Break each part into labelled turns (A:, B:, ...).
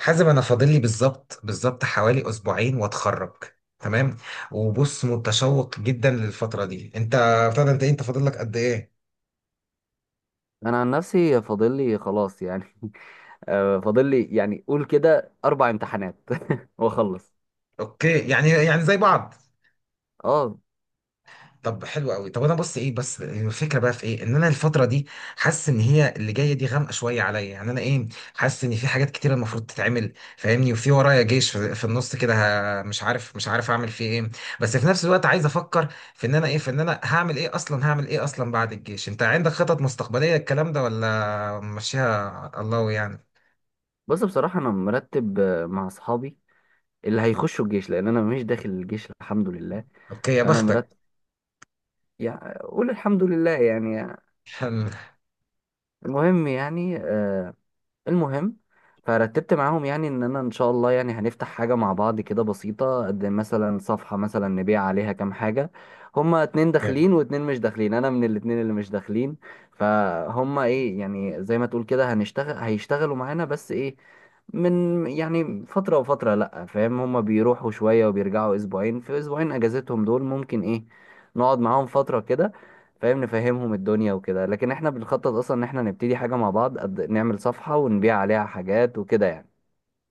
A: حازم، انا فاضل لي بالظبط حوالي اسبوعين واتخرج. تمام. وبص متشوق جدا للفتره دي. انت ابتدى انت إيه؟ انت فاضل لك قد ايه؟
B: انا عن نفسي فاضل لي خلاص يعني. فاضل لي يعني، قول كده اربع امتحانات. واخلص.
A: اوكي، يعني زي بعض.
B: اه،
A: طب حلو قوي. طب انا بص ايه بس الفكره بقى في ايه ان انا الفتره دي حاسس ان هي اللي جايه دي غامقه شويه عليا. يعني انا ايه حاسس ان في حاجات كتير المفروض تتعمل فاهمني. وفي ورايا جيش في النص كده. مش عارف اعمل فيه ايه. بس في نفس الوقت عايز افكر في ان انا ايه في ان انا هعمل ايه اصلا. هعمل ايه اصلا بعد الجيش؟ انت عندك خطط مستقبليه الكلام ده ولا ماشيها على الله يعني؟
B: بس بصراحه انا مرتب مع اصحابي اللي هيخشوا الجيش لان انا مش داخل الجيش الحمد لله.
A: اوكي يا
B: فانا
A: بختك.
B: مرتب يعني، قول الحمد لله يعني. المهم يعني، المهم، فرتبت معاهم يعني ان انا ان شاء الله يعني هنفتح حاجه مع بعض كده بسيطه، قد مثلا صفحه، مثلا نبيع عليها كام حاجه. هما اتنين داخلين واتنين مش داخلين، انا من الاتنين اللي مش داخلين. فهما ايه، يعني زي ما تقول كده هنشتغل، هيشتغلوا معانا بس ايه، من يعني فتره وفتره لا فاهم، هما بيروحوا شويه وبيرجعوا، اسبوعين في اسبوعين اجازتهم دول، ممكن ايه نقعد معاهم فتره كده فاهم، نفهمهم الدنيا وكده، لكن احنا بنخطط اصلا ان احنا نبتدي حاجة مع بعض، نعمل صفحة ونبيع عليها حاجات وكده يعني.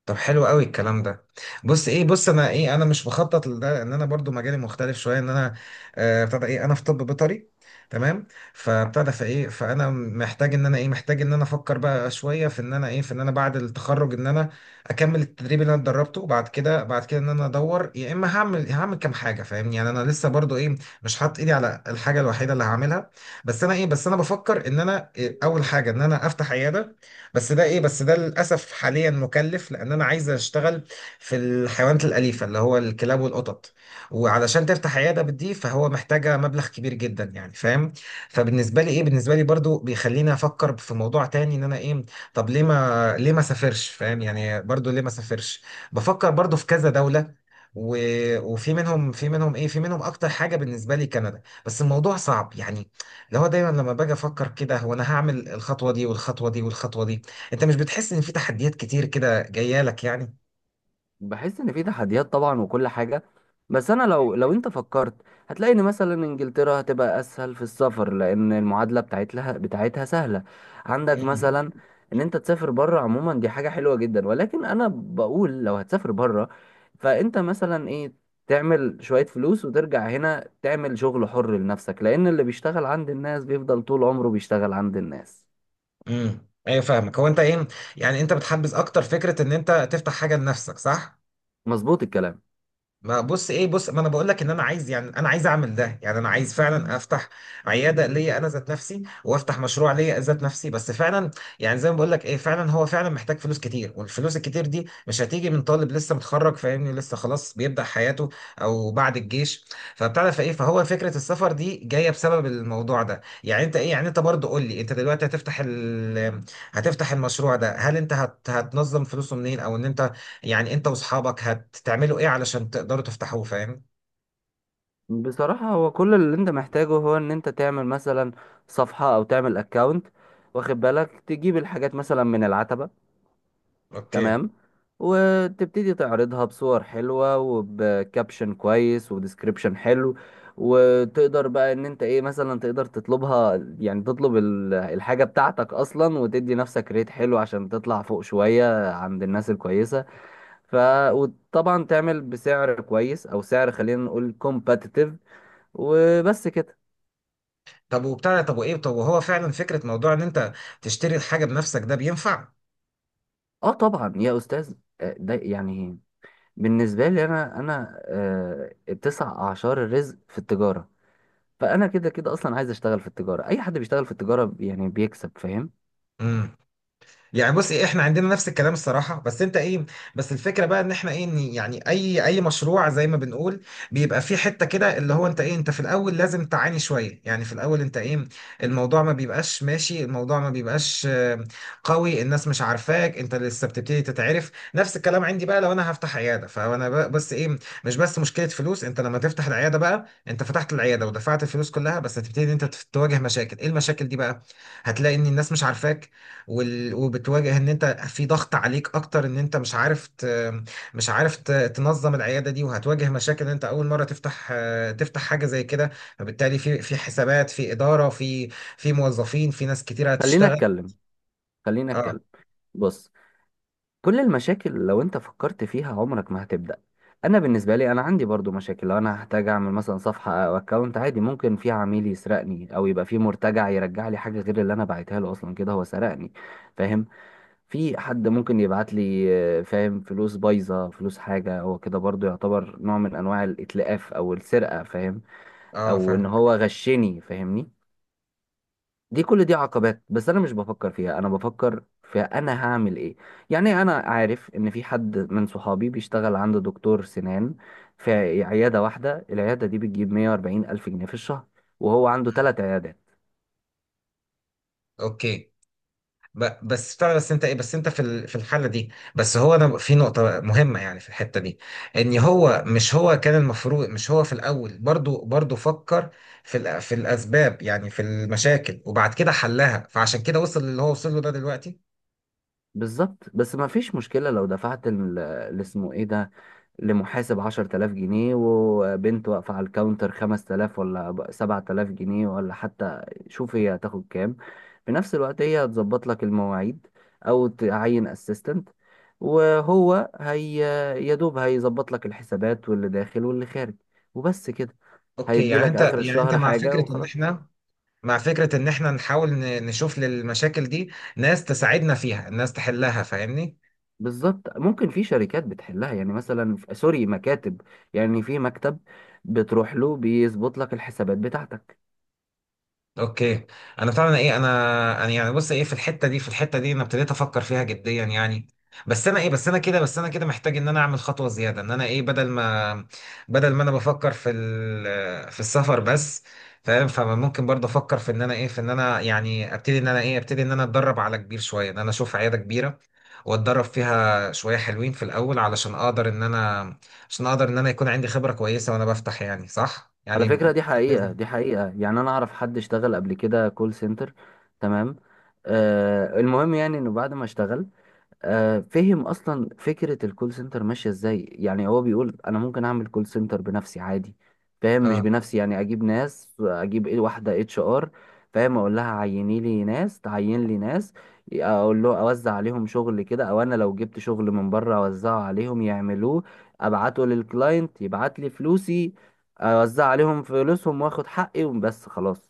A: طب حلو قوي الكلام ده. بص ايه بص انا ايه انا مش بخطط لده ان انا برضو مجالي مختلف شويه. ان انا ابتدى ايه انا في طب بيطري. تمام. فابتدى فايه فانا محتاج ان انا ايه محتاج ان انا افكر بقى شويه في ان انا ايه في ان انا بعد التخرج ان انا اكمل التدريب اللي انا اتدربته. وبعد كده بعد كده ان انا ادور يا اما هعمل كام حاجه فاهمني. يعني انا لسه برضو ايه مش حاطط ايدي على الحاجه الوحيده اللي هعملها. بس انا ايه بس انا بفكر ان انا إيه اول حاجه ان انا افتح عياده. بس ده ايه بس ده للاسف حاليا مكلف لان انا عايز اشتغل في الحيوانات الاليفه اللي هو الكلاب والقطط. وعلشان تفتح عياده بدي فهو محتاجه مبلغ كبير جدا يعني فاهم. فبالنسبه لي ايه بالنسبه لي برضو بيخليني افكر في موضوع تاني ان انا ايه. طب ليه ما ليه ما سافرش فاهم؟ يعني برضو ليه ما سافرش؟ بفكر برضو في كذا دوله. و... وفي منهم في منهم ايه في منهم اكتر حاجه بالنسبه لي كندا. بس الموضوع صعب يعني. اللي هو دايما لما باجي افكر كده هو انا هعمل الخطوه دي والخطوه دي والخطوه دي. انت مش بتحس ان في تحديات كتير كده جايه لك يعني؟
B: بحس ان في تحديات طبعا وكل حاجه، بس انا، لو انت فكرت، هتلاقي ان مثلا انجلترا هتبقى اسهل في السفر، لان المعادله بتاعتها سهله. عندك
A: امم
B: مثلا ان انت تسافر بره عموما، دي حاجه حلوه جدا، ولكن انا بقول لو هتسافر بره، فانت مثلا ايه، تعمل شويه فلوس وترجع هنا، تعمل شغل حر لنفسك، لان اللي بيشتغل عند الناس بيفضل طول عمره بيشتغل عند الناس.
A: ايوه فاهمك. هو انت ايه يعني انت بتحبذ اكتر فكره ان انت تفتح حاجه لنفسك صح؟
B: مظبوط الكلام.
A: ما بص ايه بص ما انا بقول لك ان انا عايز يعني انا عايز اعمل ده. يعني انا عايز فعلا افتح عياده ليا انا ذات نفسي وافتح مشروع ليا ذات نفسي. بس فعلا يعني زي ما بقول لك ايه فعلا هو فعلا محتاج فلوس كتير. والفلوس الكتير دي مش هتيجي من طالب لسه متخرج فاهمني. لسه خلاص بيبدأ حياته او بعد الجيش. فبتعرف ايه فهو فكره السفر دي جايه بسبب الموضوع ده. يعني انت ايه يعني انت برضه قول لي انت دلوقتي هتفتح ال... هتفتح المشروع ده. هل انت هت... هتنظم فلوسه منين؟ او ان انت يعني انت واصحابك هتعملوا ايه علشان تقدروا تفتحوه فاهم؟
B: بصراحة هو كل اللي انت محتاجه، هو ان انت تعمل مثلا صفحة او تعمل اكاونت، واخد بالك تجيب الحاجات مثلا من العتبة،
A: اوكي.
B: تمام، وتبتدي تعرضها بصور حلوة وبكابشن كويس وديسكريبشن حلو، وتقدر بقى ان انت ايه، مثلا تقدر تطلبها، يعني تطلب الحاجة بتاعتك اصلا، وتدي نفسك ريت حلو عشان تطلع فوق شوية عند الناس الكويسة. ف وطبعا تعمل بسعر كويس او سعر، خلينا نقول كومباتيتيف، وبس كده.
A: طب وبتاع طب وايه طب وهو فعلا فكرة موضوع ان انت تشتري الحاجة بنفسك ده بينفع؟
B: اه طبعا يا استاذ، ده يعني، بالنسبه لي انا تسع اعشار الرزق في التجاره، فانا كده كده اصلا عايز اشتغل في التجاره، اي حد بيشتغل في التجاره يعني بيكسب فاهم.
A: يعني بص ايه احنا عندنا نفس الكلام الصراحه. بس انت ايه بس الفكره بقى ان احنا ايه إن يعني اي مشروع زي ما بنقول بيبقى فيه حته كده اللي هو انت ايه انت في الاول لازم تعاني شويه. يعني في الاول انت ايه الموضوع ما بيبقاش ماشي. الموضوع ما بيبقاش قوي. الناس مش عارفاك انت لسه بتبتدي تتعرف. نفس الكلام عندي بقى لو انا هفتح عياده فانا بقى بس ايه مش بس مشكله فلوس. انت لما تفتح العياده بقى انت فتحت العياده ودفعت الفلوس كلها بس هتبتدي ان انت تواجه مشاكل. ايه المشاكل دي بقى؟ هتلاقي ان الناس مش عارفاك. وال... وبتواجه ان انت في ضغط عليك اكتر ان انت مش عارف ت... تنظم العياده دي. وهتواجه مشاكل ان انت اول مره تفتح تفتح حاجه زي كده. فبالتالي في حسابات في اداره في موظفين في ناس كتير
B: خلينا
A: هتشتغل.
B: اتكلم خلينا
A: اه،
B: اتكلم، بص، كل المشاكل لو انت فكرت فيها عمرك ما هتبدا. انا بالنسبه لي انا عندي برضو مشاكل، لو انا هحتاج اعمل مثلا صفحه او اكونت عادي، ممكن في عميل يسرقني، او يبقى في مرتجع يرجع لي حاجه غير اللي انا بعتها له اصلا، كده هو سرقني فاهم. في حد ممكن يبعت لي فاهم، فلوس بايظة، فلوس، حاجة، هو كده برضو يعتبر نوع من أنواع الإتلاف أو السرقة فاهم.
A: اه،
B: أو إن
A: فاهم.
B: هو غشني فاهمني. دي، كل دي عقبات، بس أنا مش بفكر فيها، أنا بفكر في أنا هعمل إيه. يعني أنا عارف إن في حد من صحابي بيشتغل عنده دكتور سنان، في عيادة واحدة، العيادة دي بتجيب 140 ألف جنيه في الشهر، وهو عنده ثلاث عيادات.
A: اوكي. بس بتاع بس انت ايه بس انت في في الحاله دي بس هو انا في نقطه مهمه يعني في الحته دي. ان هو مش هو كان المفروض مش هو في الاول برضو فكر في في الاسباب يعني في المشاكل وبعد كده حلها فعشان كده وصل اللي هو وصل له ده دلوقتي.
B: بالظبط، بس ما فيش مشكلة لو دفعت اللي اسمه إيه ده، لمحاسب 10,000 جنيه، وبنت واقفة على الكاونتر 5,000، ولا 7,000 جنيه، ولا حتى، شوف هي هتاخد كام. في نفس الوقت هي هتظبط لك المواعيد، أو تعين اسيستنت، وهو هي يا دوب هيظبط لك الحسابات واللي داخل واللي خارج وبس كده،
A: اوكي
B: هيدي
A: يعني
B: لك
A: انت
B: آخر
A: يعني انت
B: الشهر
A: مع
B: حاجة
A: فكره ان
B: وخلاص.
A: احنا مع فكره ان احنا نحاول نشوف للمشاكل دي ناس تساعدنا فيها ناس تحلها فاهمني.
B: بالظبط، ممكن في شركات بتحلها، يعني مثلا، سوري، مكاتب، يعني في مكتب بتروح له بيظبط لك الحسابات بتاعتك.
A: اوكي. انا فعلا ايه انا يعني بص ايه في الحته دي في الحته دي انا ابتديت افكر فيها جديا يعني. بس انا ايه بس انا كده بس انا كده محتاج ان انا اعمل خطوه زياده ان انا ايه بدل ما انا بفكر في في السفر بس فاهم. فممكن برضه افكر في ان انا ايه في ان انا يعني ابتدي ان انا ايه ابتدي ان انا اتدرب على كبير شويه ان انا اشوف عياده كبيره واتدرب فيها شويه حلوين في الاول علشان اقدر ان انا عشان اقدر ان انا يكون عندي خبره كويسه وانا بفتح يعني صح
B: على
A: يعني.
B: فكرة، دي حقيقة، يعني أنا أعرف حد اشتغل قبل كده كول سنتر تمام. آه المهم يعني إنه بعد ما اشتغل فهم اصلا فكره الكول سنتر ماشيه ازاي، يعني هو بيقول انا ممكن اعمل كول سنتر بنفسي عادي فاهم، مش
A: اه،
B: بنفسي يعني، اجيب ناس، اجيب إيه، واحده اتش ار فاهم، اقول لها عيني لي ناس، تعين لي ناس، اقول له اوزع عليهم شغل كده، او انا لو جبت شغل من بره اوزعه عليهم يعملوه، ابعته للكلاينت يبعت لي فلوسي، اوزع عليهم فلوسهم واخد حقي وبس خلاص.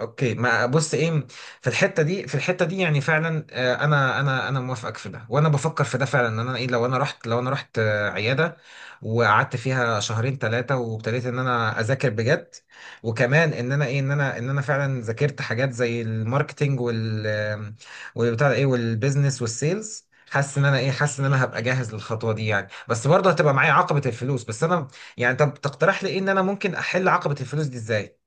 A: اوكي. ما بص ايه في الحته دي في الحته دي يعني فعلا انا موافقك في ده وانا بفكر في ده فعلا ان انا ايه لو انا رحت لو انا رحت عياده وقعدت فيها شهرين ثلاثه وابتديت ان انا اذاكر بجد. وكمان ان انا ايه ان انا فعلا ذاكرت حاجات زي الماركتينج وال والبتاع ده ايه والبيزنس والسيلز. حاسس ان انا ايه حاسس ان انا هبقى جاهز للخطوه دي يعني. بس برضه هتبقى معايا عقبه الفلوس. بس انا يعني طب تقترح لي ايه ان انا ممكن احل عقبه الفلوس دي ازاي؟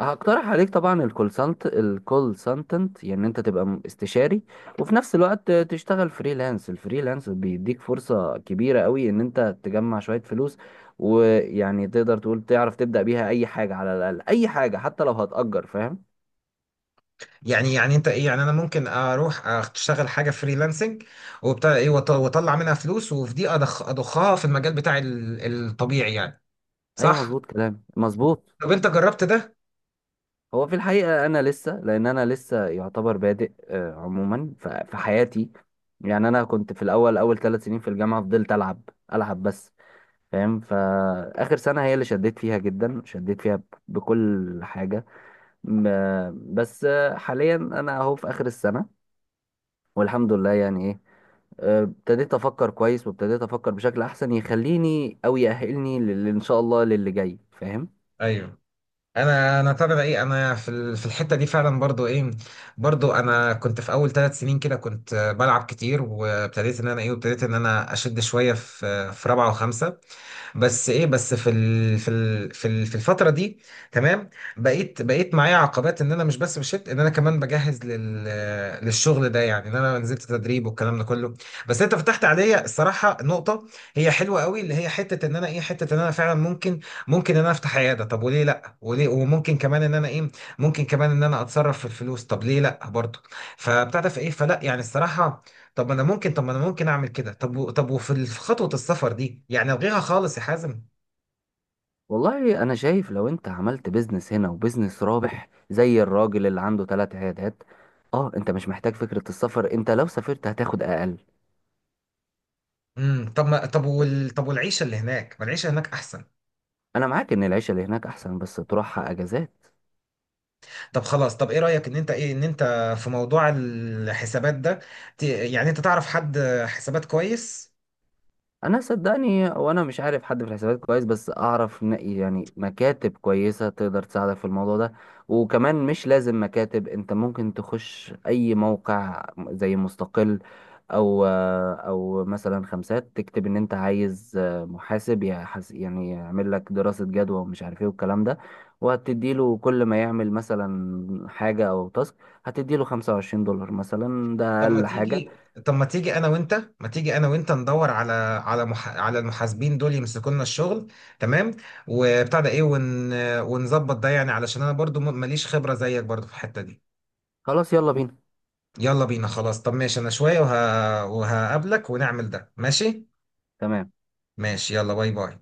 B: هقترح عليك طبعا الكول سنتنت، يعني انت تبقى استشاري، وفي نفس الوقت تشتغل فريلانس، الفريلانس بيديك فرصة كبيرة قوي ان انت تجمع شوية فلوس، ويعني تقدر تقول تعرف تبدأ بيها اي حاجة، على الاقل اي حاجة حتى لو هتأجر فاهم.
A: يعني انت ايه يعني انا ممكن اروح اشتغل حاجه فريلانسنج وبتاع ايه واطلع منها فلوس وفي دي أضخ اضخها في المجال بتاعي الطبيعي يعني
B: ايوه،
A: صح.
B: مظبوط كلام مظبوط.
A: طب انت جربت ده؟
B: هو في الحقيقة انا لسه، لان انا لسه يعتبر بادئ عموما في حياتي، يعني انا كنت في الاول، اول 3 سنين في الجامعة فضلت العب بس فاهم، فآخر سنة هي اللي شديت فيها جدا، شديت فيها بكل حاجة، بس حاليا أنا أهو في آخر السنة والحمد لله يعني إيه. ابتديت أفكر كويس، وابتديت أفكر بشكل أحسن يخليني أو يأهلني إن شاء الله للي جاي فاهم.
A: ايوه. انا انا ترى ايه انا في في الحته دي فعلا برضو ايه. برضو انا كنت في اول 3 سنين كده كنت بلعب كتير وابتديت ان انا ايه وابتديت ان انا اشد شويه في في رابعه وخمسه. بس ايه بس في ال في ال في ال في الفتره دي. تمام. بقيت معايا عقبات ان انا مش بس بشت ان انا كمان بجهز لل للشغل ده يعني ان انا نزلت تدريب والكلام ده كله. بس انت فتحت عليا الصراحه نقطه هي حلوه قوي اللي هي حته ان انا ايه حته ان انا فعلا ممكن ان انا افتح عياده. طب وليه لا وليه وممكن كمان ان انا ايه ممكن كمان ان انا اتصرف في الفلوس. طب ليه لا برضه. فبتاع ده في ايه فلا يعني الصراحه. طب ما انا ممكن طب ما انا ممكن اعمل كده طب طب وفي في خطوه السفر دي يعني الغيها خالص يا حازم.
B: والله أنا شايف لو أنت عملت بيزنس هنا وبيزنس رابح زي الراجل اللي عنده ثلاث عيادات، اه انت مش محتاج فكرة السفر، انت لو سافرت هتاخد اقل.
A: امم. طب ما طب وال طب والعيشه اللي هناك ما العيشه هناك احسن.
B: انا معاك ان العيشة اللي هناك احسن، بس تروحها اجازات.
A: طب خلاص. طب ايه رايك ان انت ايه ان انت في موضوع الحسابات ده يعني انت تعرف حد حسابات كويس؟
B: انا صدقني، وانا مش عارف حد في الحسابات كويس، بس اعرف يعني مكاتب كويسه تقدر تساعدك في الموضوع ده، وكمان مش لازم مكاتب، انت ممكن تخش اي موقع زي مستقل او او مثلا خمسات، تكتب ان انت عايز محاسب يعني يعمل لك دراسه جدوى ومش عارف ايه والكلام ده، وهتديله كل ما يعمل مثلا حاجه او تاسك، هتديله $25 مثلا، ده
A: طب ما
B: اقل حاجه.
A: تيجي طب ما تيجي انا وانت ما تيجي انا وانت ندور على على مح... على المحاسبين دول يمسكوا لنا الشغل. تمام. وبتاع ده ايه ون... ونظبط ده يعني علشان انا برضو ماليش خبره زيك برضو في الحته دي.
B: خلاص يلا بينا
A: يلا بينا خلاص طب ماشي. انا شوية وهقابلك ونعمل ده ماشي.
B: تمام.
A: ماشي. يلا. باي باي.